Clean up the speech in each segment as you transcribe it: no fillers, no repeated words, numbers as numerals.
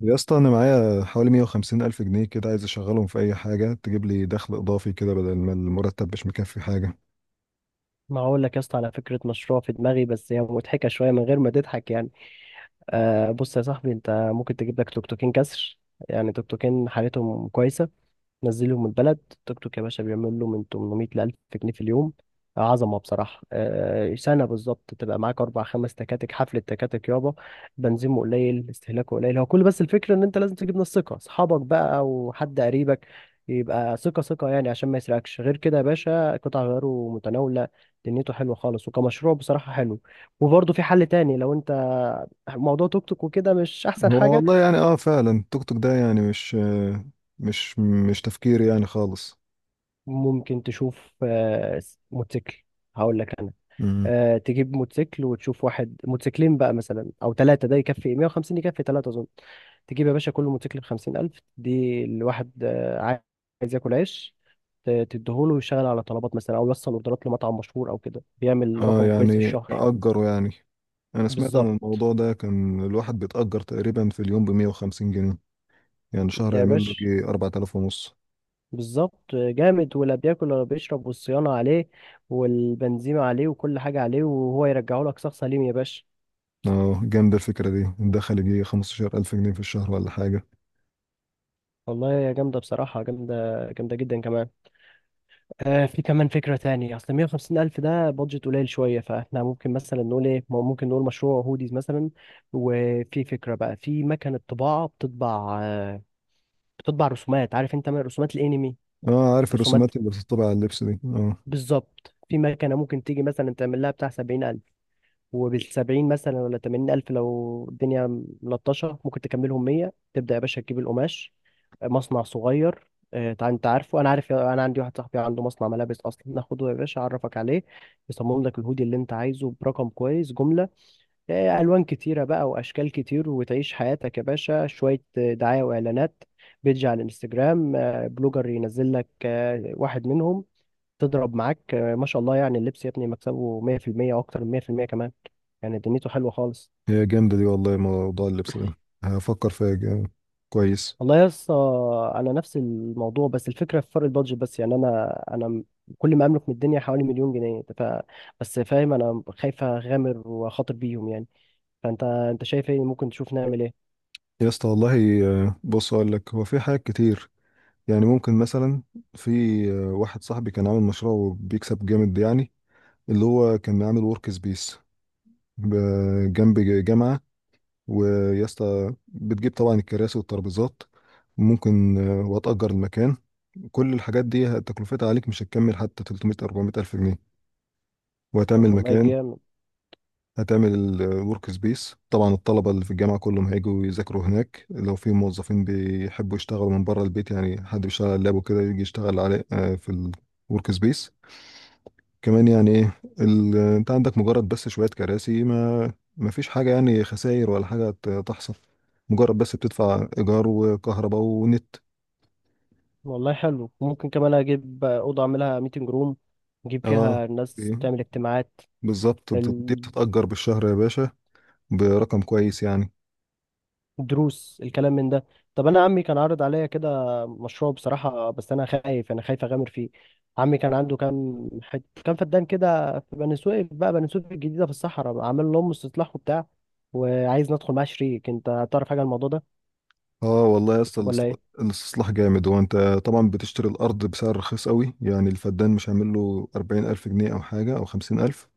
يا اسطى، انا معايا حوالي 150 الف جنيه كده، عايز اشغلهم في اي حاجه تجيب لي دخل اضافي كده، بدل ما المرتب مش مكفي حاجه. ما هقول لك يا اسطى، على فكره مشروع في دماغي، بس هي مضحكه شويه من غير ما تضحك يعني. آه بص يا صاحبي، انت ممكن تجيب لك توك توكين كسر. يعني توك توكين حالتهم كويسه. نزلهم البلد، التوك توك يا باشا بيعمل له من 800 ل 1000 جنيه في اليوم. عظمه بصراحه. سنه بالظبط تبقى معاك اربع خمس تكاتك، حفله تكاتك يابا. بنزيمه قليل، استهلاكه قليل، هو كل بس الفكره ان انت لازم تجيب ناس ثقه، اصحابك بقى او حد قريبك يبقى ثقه ثقه يعني، عشان ما يسرقكش. غير كده يا باشا قطع غيره متناوله، دنيته حلوه خالص، وكمشروع بصراحه حلو. وبرضه في حل تاني، لو انت موضوع توك توك وكده مش احسن هو حاجه، والله يعني اه فعلا التوك توك ده يعني مش مش تفكير يعني خالص. ممكن تشوف موتوسيكل. هقول لك، امم. تجيب موتوسيكل وتشوف واحد موتوسيكلين بقى مثلا او ثلاثه، ده يكفي 150، يكفي ثلاثه اظن. تجيب يا باشا كل موتوسيكل ب 50,000. دي الواحد عايز ياكل عيش، تديهوله ويشتغل على طلبات مثلا، او يوصل اوردرات لمطعم مشهور او كده، بيعمل اه رقم كويس في يعني الشهر. اجره يعني، انا سمعت عن بالظبط الموضوع ده، كان الواحد بيتأجر تقريبا في اليوم ب 150 جنيه، يعني شهر يا يعمل له باشا، جي 4000 ونص. بالظبط. جامد، ولا بياكل ولا بيشرب، والصيانه عليه والبنزيمه عليه وكل حاجه عليه، وهو يرجعه لك شخص سليم يا باشا. اه، جامدة الفكرة دي، الدخل يجي 15000 جنيه في الشهر ولا حاجة. والله يا جامده، بصراحه جامده جامده جدا كمان. في كمان فكرة تانية، أصل 150 ألف ده بادجت قليل شوية، فإحنا ممكن مثلا نقول إيه، ممكن نقول مشروع هوديز مثلا. وفي فكرة بقى، في مكنة طباعة بتطبع، بتطبع رسومات، عارف أنت، من رسومات الأنمي، اه عارف، رسومات. الرسومات اللي بتطبع على اللبس دي اه. بالظبط، في مكنة ممكن تيجي مثلا تعمل لها بتاع 70,000، وبالسبعين مثلا ولا 80,000، لو الدنيا ملطشة ممكن تكملهم مية. تبدأ يا باشا تجيب القماش، مصنع صغير. انت عارفه، انا عارف، انا عندي واحد صاحبي عنده مصنع ملابس اصلا، ناخده يا باشا اعرفك عليه، يصمم لك الهودي اللي انت عايزه برقم كويس جمله. الوان كتيره بقى واشكال كتير، وتعيش حياتك يا باشا. شويه دعايه واعلانات، بيدج على الانستجرام، بلوجر ينزل لك واحد منهم تضرب معاك، ما شاء الله يعني، اللبس يا ابني مكسبه 100%، واكتر من 100% كمان يعني. دنيته حلوه خالص. هي جامدة دي والله، موضوع اللبس ده هفكر فيها جامد. كويس. والله يا اسطى انا نفس الموضوع، بس الفكره في فرق البادجت، بس يعني كل ما املك من الدنيا حوالي مليون جنيه، بس فاهم، انا خايف اغامر واخاطر بيهم يعني. فانت انت شايف ايه؟ ممكن تشوف نعمل ايه؟ يا اسطى والله، بص اقول لك، هو في حاجات كتير يعني، ممكن مثلا، في واحد صاحبي كان عامل مشروع وبيكسب جامد يعني، اللي هو كان عامل ورك سبيس جنب جامعة، ويا اسطى بتجيب طبعا الكراسي والترابيزات، ممكن وهتأجر المكان. كل الحاجات دي تكلفتها عليك مش هتكمل حتى 300 400 ألف جنيه، طب وهتعمل والله مكان، جامد. هتعمل الورك سبيس. طبعا الطلبة اللي في الجامعة كلهم هيجوا يذاكروا هناك، لو في موظفين بيحبوا يشتغلوا من بره البيت، يعني حد بيشتغل على اللاب وكده يجي يشتغل عليه في الورك سبيس. كمان يعني ايه انت عندك مجرد بس شوية كراسي، ما فيش حاجة يعني، خسائر ولا حاجة تحصل. مجرد بس بتدفع إيجار وكهرباء ونت. والله حلو، ممكن كمان اجيب اوضه اعملها ميتنج روم، نجيب اه فيها ناس إيه، تعمل اجتماعات، بالظبط، دي بتتأجر بالشهر يا باشا برقم كويس يعني. دروس الكلام من ده. طب انا عمي كان عارض عليا كده مشروع بصراحه، بس انا خايف اغامر فيه. عمي كان عنده كام كام فدان كده في بني سويف، بقى بني سويف الجديده، في الصحراء، عامل لهم استصلاح وبتاع، وعايز ندخل معاه شريك. انت تعرف حاجه عن الموضوع ده اه والله يا اسطى، ولا ايه؟ الاستصلاح جامد، هو انت طبعا بتشتري الارض بسعر رخيص قوي، يعني الفدان مش هيعمل له 40000 جنيه او حاجه او 50000.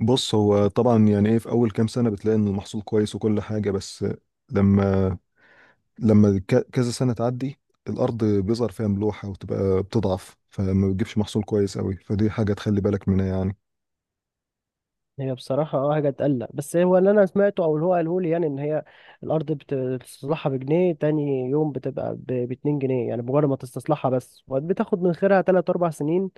بص هو طبعا يعني ايه، في اول كام سنه بتلاقي ان المحصول كويس وكل حاجه، بس لما لما كذا سنه تعدي الارض بيظهر فيها ملوحه وتبقى بتضعف، فما بتجيبش محصول كويس قوي، فدي حاجه تخلي بالك منها يعني. هي بصراحة اه حاجة تقلق، بس هو اللي أنا سمعته أو اللي هو قاله لي يعني، إن هي الأرض بتستصلحها بجنيه، تاني يوم بتبقى باتنين جنيه، يعني مجرد ما تستصلحها، بس بتاخد من خيرها تلات أربع سنين،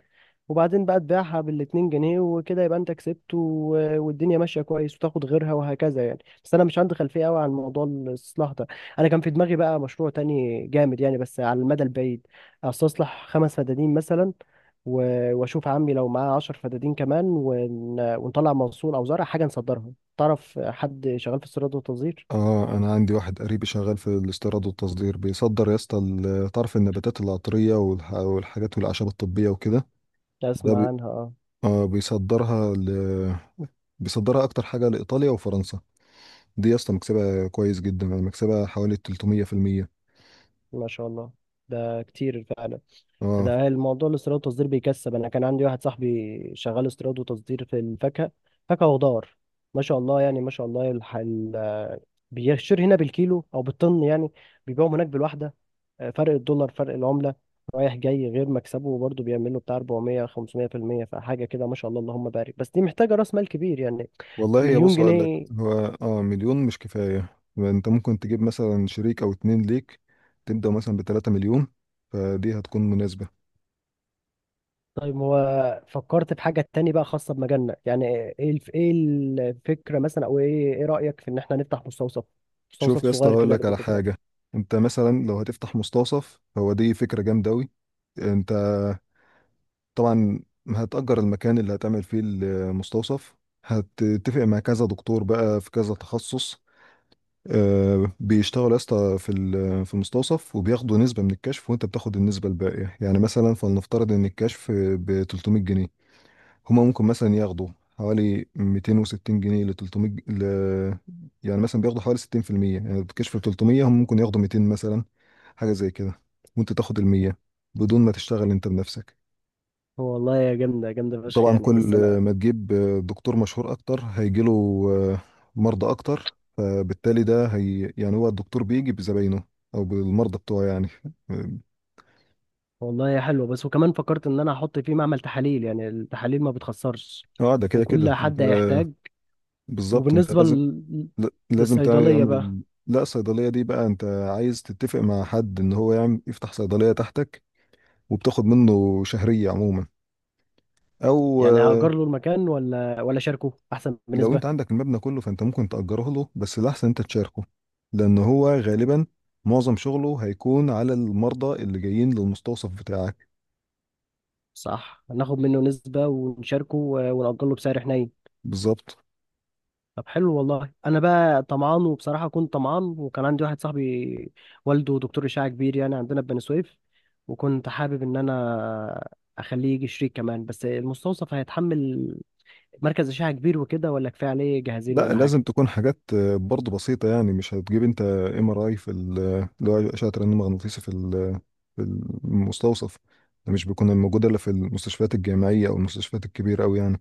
وبعدين بقى تبيعها بالاتنين جنيه وكده، يبقى أنت كسبت، والدنيا ماشية كويس، وتاخد غيرها وهكذا يعني. بس أنا مش عندي خلفية أوي عن موضوع الاستصلاح ده. أنا كان في دماغي بقى مشروع تاني جامد يعني، بس على المدى البعيد. أستصلح 5 فدادين مثلا، واشوف عمي لو معاه 10 فدادين كمان، ونطلع منصور، او زرع حاجه نصدرها. تعرف حد شغال في الصيدله والتصدير، اه، انا عندي واحد قريبي شغال في الاستيراد والتصدير، بيصدر يا اسطى تعرف النباتات العطريه والحاجات والاعشاب الطبيه وكده. اسمع ده عنها اه. اه بيصدرها اكتر حاجه لايطاليا وفرنسا. دي يا اسطى مكسبها كويس جدا، يعني مكسبها حوالي 300%. ما شاء الله، ده كتير فعلا. اه ده الموضوع الاستيراد والتصدير بيكسب. انا كان عندي واحد صاحبي شغال استيراد وتصدير في الفاكهه، فاكهه وخضار، ما شاء الله يعني، ما شاء الله. بيشتري هنا بالكيلو او بالطن يعني، بيبيعهم هناك بالواحده، فرق الدولار، فرق العملة، رايح جاي، غير مكسبه، وبرضه بيعمل له بتاع 400 500%. فحاجة كده ما شاء الله اللهم بارك، بس دي محتاجة راس مال كبير يعني. والله يا مليون بص اقول لك، جنيه. هو اه مليون مش كفايه، انت ممكن تجيب مثلا شريك او اتنين ليك، تبدا مثلا ب 3 مليون، فدي هتكون مناسبه. طيب هو، فكرت في حاجة تاني بقى خاصة بمجالنا يعني. ايه ايه الفكرة مثلا، او ايه، ايه رأيك في ان احنا نفتح مستوصف؟ مستوصف شوف يا اسطى، صغير هقول كده لك على حاجه، للدكاترة. انت مثلا لو هتفتح مستوصف، هو دي فكره جامده قوي. انت طبعا هتأجر المكان اللي هتعمل فيه المستوصف، هتتفق مع كذا دكتور بقى في كذا تخصص، بيشتغلوا يا اسطى في المستوصف، وبياخدوا نسبة من الكشف، وانت بتاخد النسبة الباقية. يعني مثلا فلنفترض ان الكشف ب 300 جنيه، هما ممكن مثلا ياخدوا حوالي 260 جنيه ل 300 ج- ل... يعني مثلا بياخدوا حوالي 60%، يعني الكشف ب 300 هم ممكن ياخدوا 200 مثلا، حاجة زي كده، وانت تاخد ال 100 بدون ما تشتغل انت بنفسك. هو والله يا جامدة، جامدة فشخ طبعا يعني، كل بس انا. ما تجيب دكتور مشهور اكتر، هيجيله مرضى اكتر، فبالتالي ده هي يعني هو الدكتور بيجي بزباينه او بالمرضى بتوعه يعني. والله يا حلوة، بس وكمان فكرت ان انا احط فيه معمل تحاليل، يعني التحاليل ما بتخسرش، اه ده كده وكل كده انت، حد هيحتاج. بالظبط انت وبالنسبة لازم لازم للصيدلية تعمل بقى، لا الصيدليه دي بقى، انت عايز تتفق مع حد ان هو يفتح صيدليه تحتك، وبتاخد منه شهريه عموما. او يعني آه، هأجر له المكان، ولا أشاركه أحسن لو بنسبة؟ انت عندك المبنى كله فانت ممكن تأجره له، بس الأحسن انت تشاركه، لأن هو غالبا معظم شغله هيكون على المرضى اللي جايين للمستوصف بتاعك. صح، ناخد منه نسبة ونشاركه، ونأجر له بسعر حنين. بالظبط. طب حلو، والله أنا بقى طمعان، وبصراحة كنت طمعان، وكان عندي واحد صاحبي والده دكتور أشعة كبير يعني، عندنا في بني سويف. وكنت حابب إن أنا أخليه يجي شريك كمان، بس المستوصف هيتحمل مركز أشعة كبير وكده، ولا كفاية عليه جهازين لا ولا لازم حاجة؟ تكون حاجات برضه بسيطة، يعني مش هتجيب انت ام ار اي اللي هو أشعة رنين مغناطيسي في المستوصف، ده مش بيكون موجود الا في المستشفيات الجامعية او المستشفيات الكبيرة أوي يعني.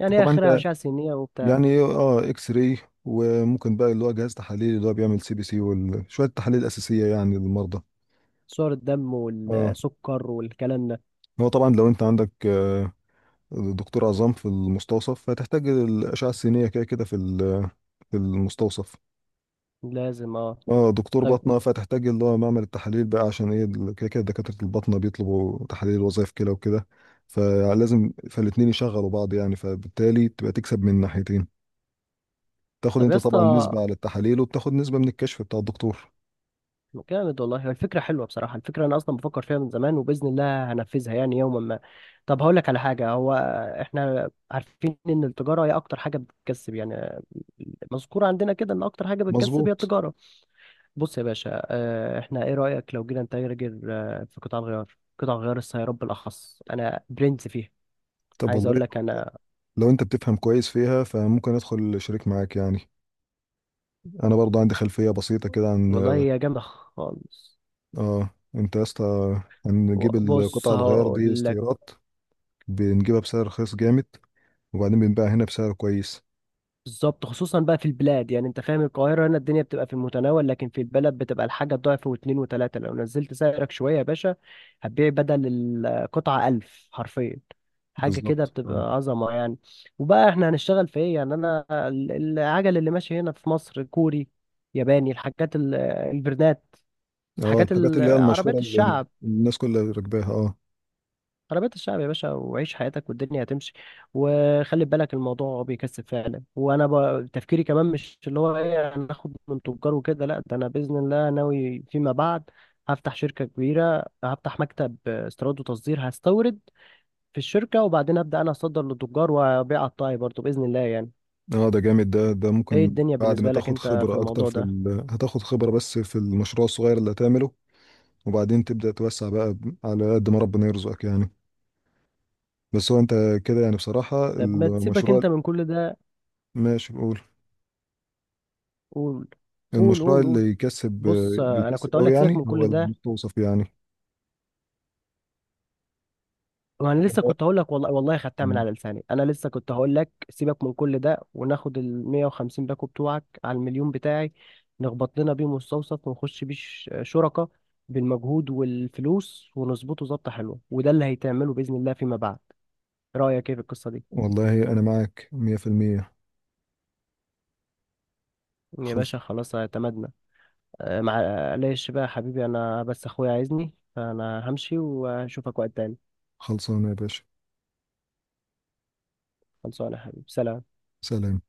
يعني طبعا آخرها انت أشعة سينية وبتاع، يعني اه اكس راي، وممكن بقى اللي هو جهاز تحاليل اللي هو بيعمل سي بي سي وشوية تحاليل أساسية يعني للمرضى. صور الدم اه، والسكر والكلام ده. هو طبعا لو انت عندك دكتور عظام في المستوصف فتحتاج الاشعه السينيه كده كده في المستوصف. لازم اه. اه دكتور طيب. باطنه فتحتاج اللي هو معمل التحاليل بقى، عشان ايه كده كده دكاتره الباطنه بيطلبوا تحاليل وظائف كلى وكده، فالاتنين يشغلوا بعض يعني، فبالتالي تبقى تكسب من ناحيتين، تاخد طب انت يا اسطى، طبعا نسبه على التحاليل، وبتاخد نسبه من الكشف بتاع الدكتور. جامد والله، هي الفكرة حلوة بصراحة، الفكرة أنا أصلا بفكر فيها من زمان، وبإذن الله هنفذها يعني يوما ما. طب هقول لك على حاجة، هو إحنا عارفين إن التجارة هي أكتر حاجة بتكسب يعني، مذكورة عندنا كده إن أكتر حاجة بتكسب هي مظبوط. التجارة. بص يا باشا، إحنا، إيه رأيك لو جينا نتاجر في قطاع الغيار، قطاع غيار السيارات بالأخص، أنا برنس فيها. طب عايز والله أقول لك أنا. لو انت بتفهم كويس فيها فممكن ادخل شريك معاك يعني، انا برضه عندي خلفيه بسيطه كده عن والله هي جامدة خالص. اه. انت يا اسطى هنجيب بص القطع الغيار دي هقول لك. استيراد، بنجيبها بسعر رخيص جامد، وبعدين بنبيعها هنا بسعر كويس. بالظبط، خصوصا بقى في البلاد يعني، انت فاهم، القاهرة هنا الدنيا بتبقى في المتناول، لكن في البلد بتبقى الحاجة ضعف واتنين وتلاتة. لو نزلت سعرك شوية يا باشا هتبيع، بدل القطعة 1000، حرفيا حاجة كده بالظبط اه. بتبقى عظمة يعني. وبقى احنا هنشتغل في ايه يعني؟ انا العجل اللي ماشي هنا في مصر كوري، ياباني، الحاجات البرنات، اه الحاجات الحاجات اللي هي المشهورة عربيات اللي الشعب. الناس كلها راكباها اه. عربية الشعب يا باشا، وعيش حياتك والدنيا هتمشي. وخلي بالك الموضوع بيكسب فعلا، وانا تفكيري كمان، مش اللي هو ايه، انا اخد من تجار وكده لا، ده انا باذن الله ناوي فيما بعد هفتح شركة كبيرة، هفتح مكتب استيراد وتصدير، هستورد في الشركة وبعدين ابدا انا اصدر للتجار، وابيع قطاعي برضو باذن الله يعني. اه ده جامد، ده ايه ممكن الدنيا بعد ما بالنسبة لك تاخد انت في خبرة اكتر الموضوع ده؟ هتاخد خبرة بس في المشروع الصغير اللي هتعمله، وبعدين تبدأ توسع بقى على قد ما ربنا يرزقك يعني. بس هو انت كده يعني، بصراحة طب ما تسيبك المشروع انت من كل ده. ماشي، بقول قول قول المشروع قول. قول. اللي يكسب بص، انا بيكسب كنت اقول قوي، لك سيبك يعني من هو كل ده. المستوصف يعني. ما انا لسه والله كنت هقول لك، والله والله خدتها من على لساني، انا لسه كنت هقول لك سيبك من كل ده، وناخد ال 150 باكو بتوعك على المليون بتاعي، نخبط لنا بيه مستوصف، ونخش بيه شركة، بالمجهود والفلوس ونظبطه ظبطة حلوة، وده اللي هيتعمله بإذن الله فيما بعد. رأيك ايه في القصة دي؟ والله أنا معك مية في المية. يا خلص. باشا خلاص، اعتمدنا. أه، معلش بقى يا حبيبي، انا بس اخويا عايزني، فانا همشي واشوفك وقت تاني. خلصانة يا باشا. خلصانة يا حبيبي، سلام. سلام.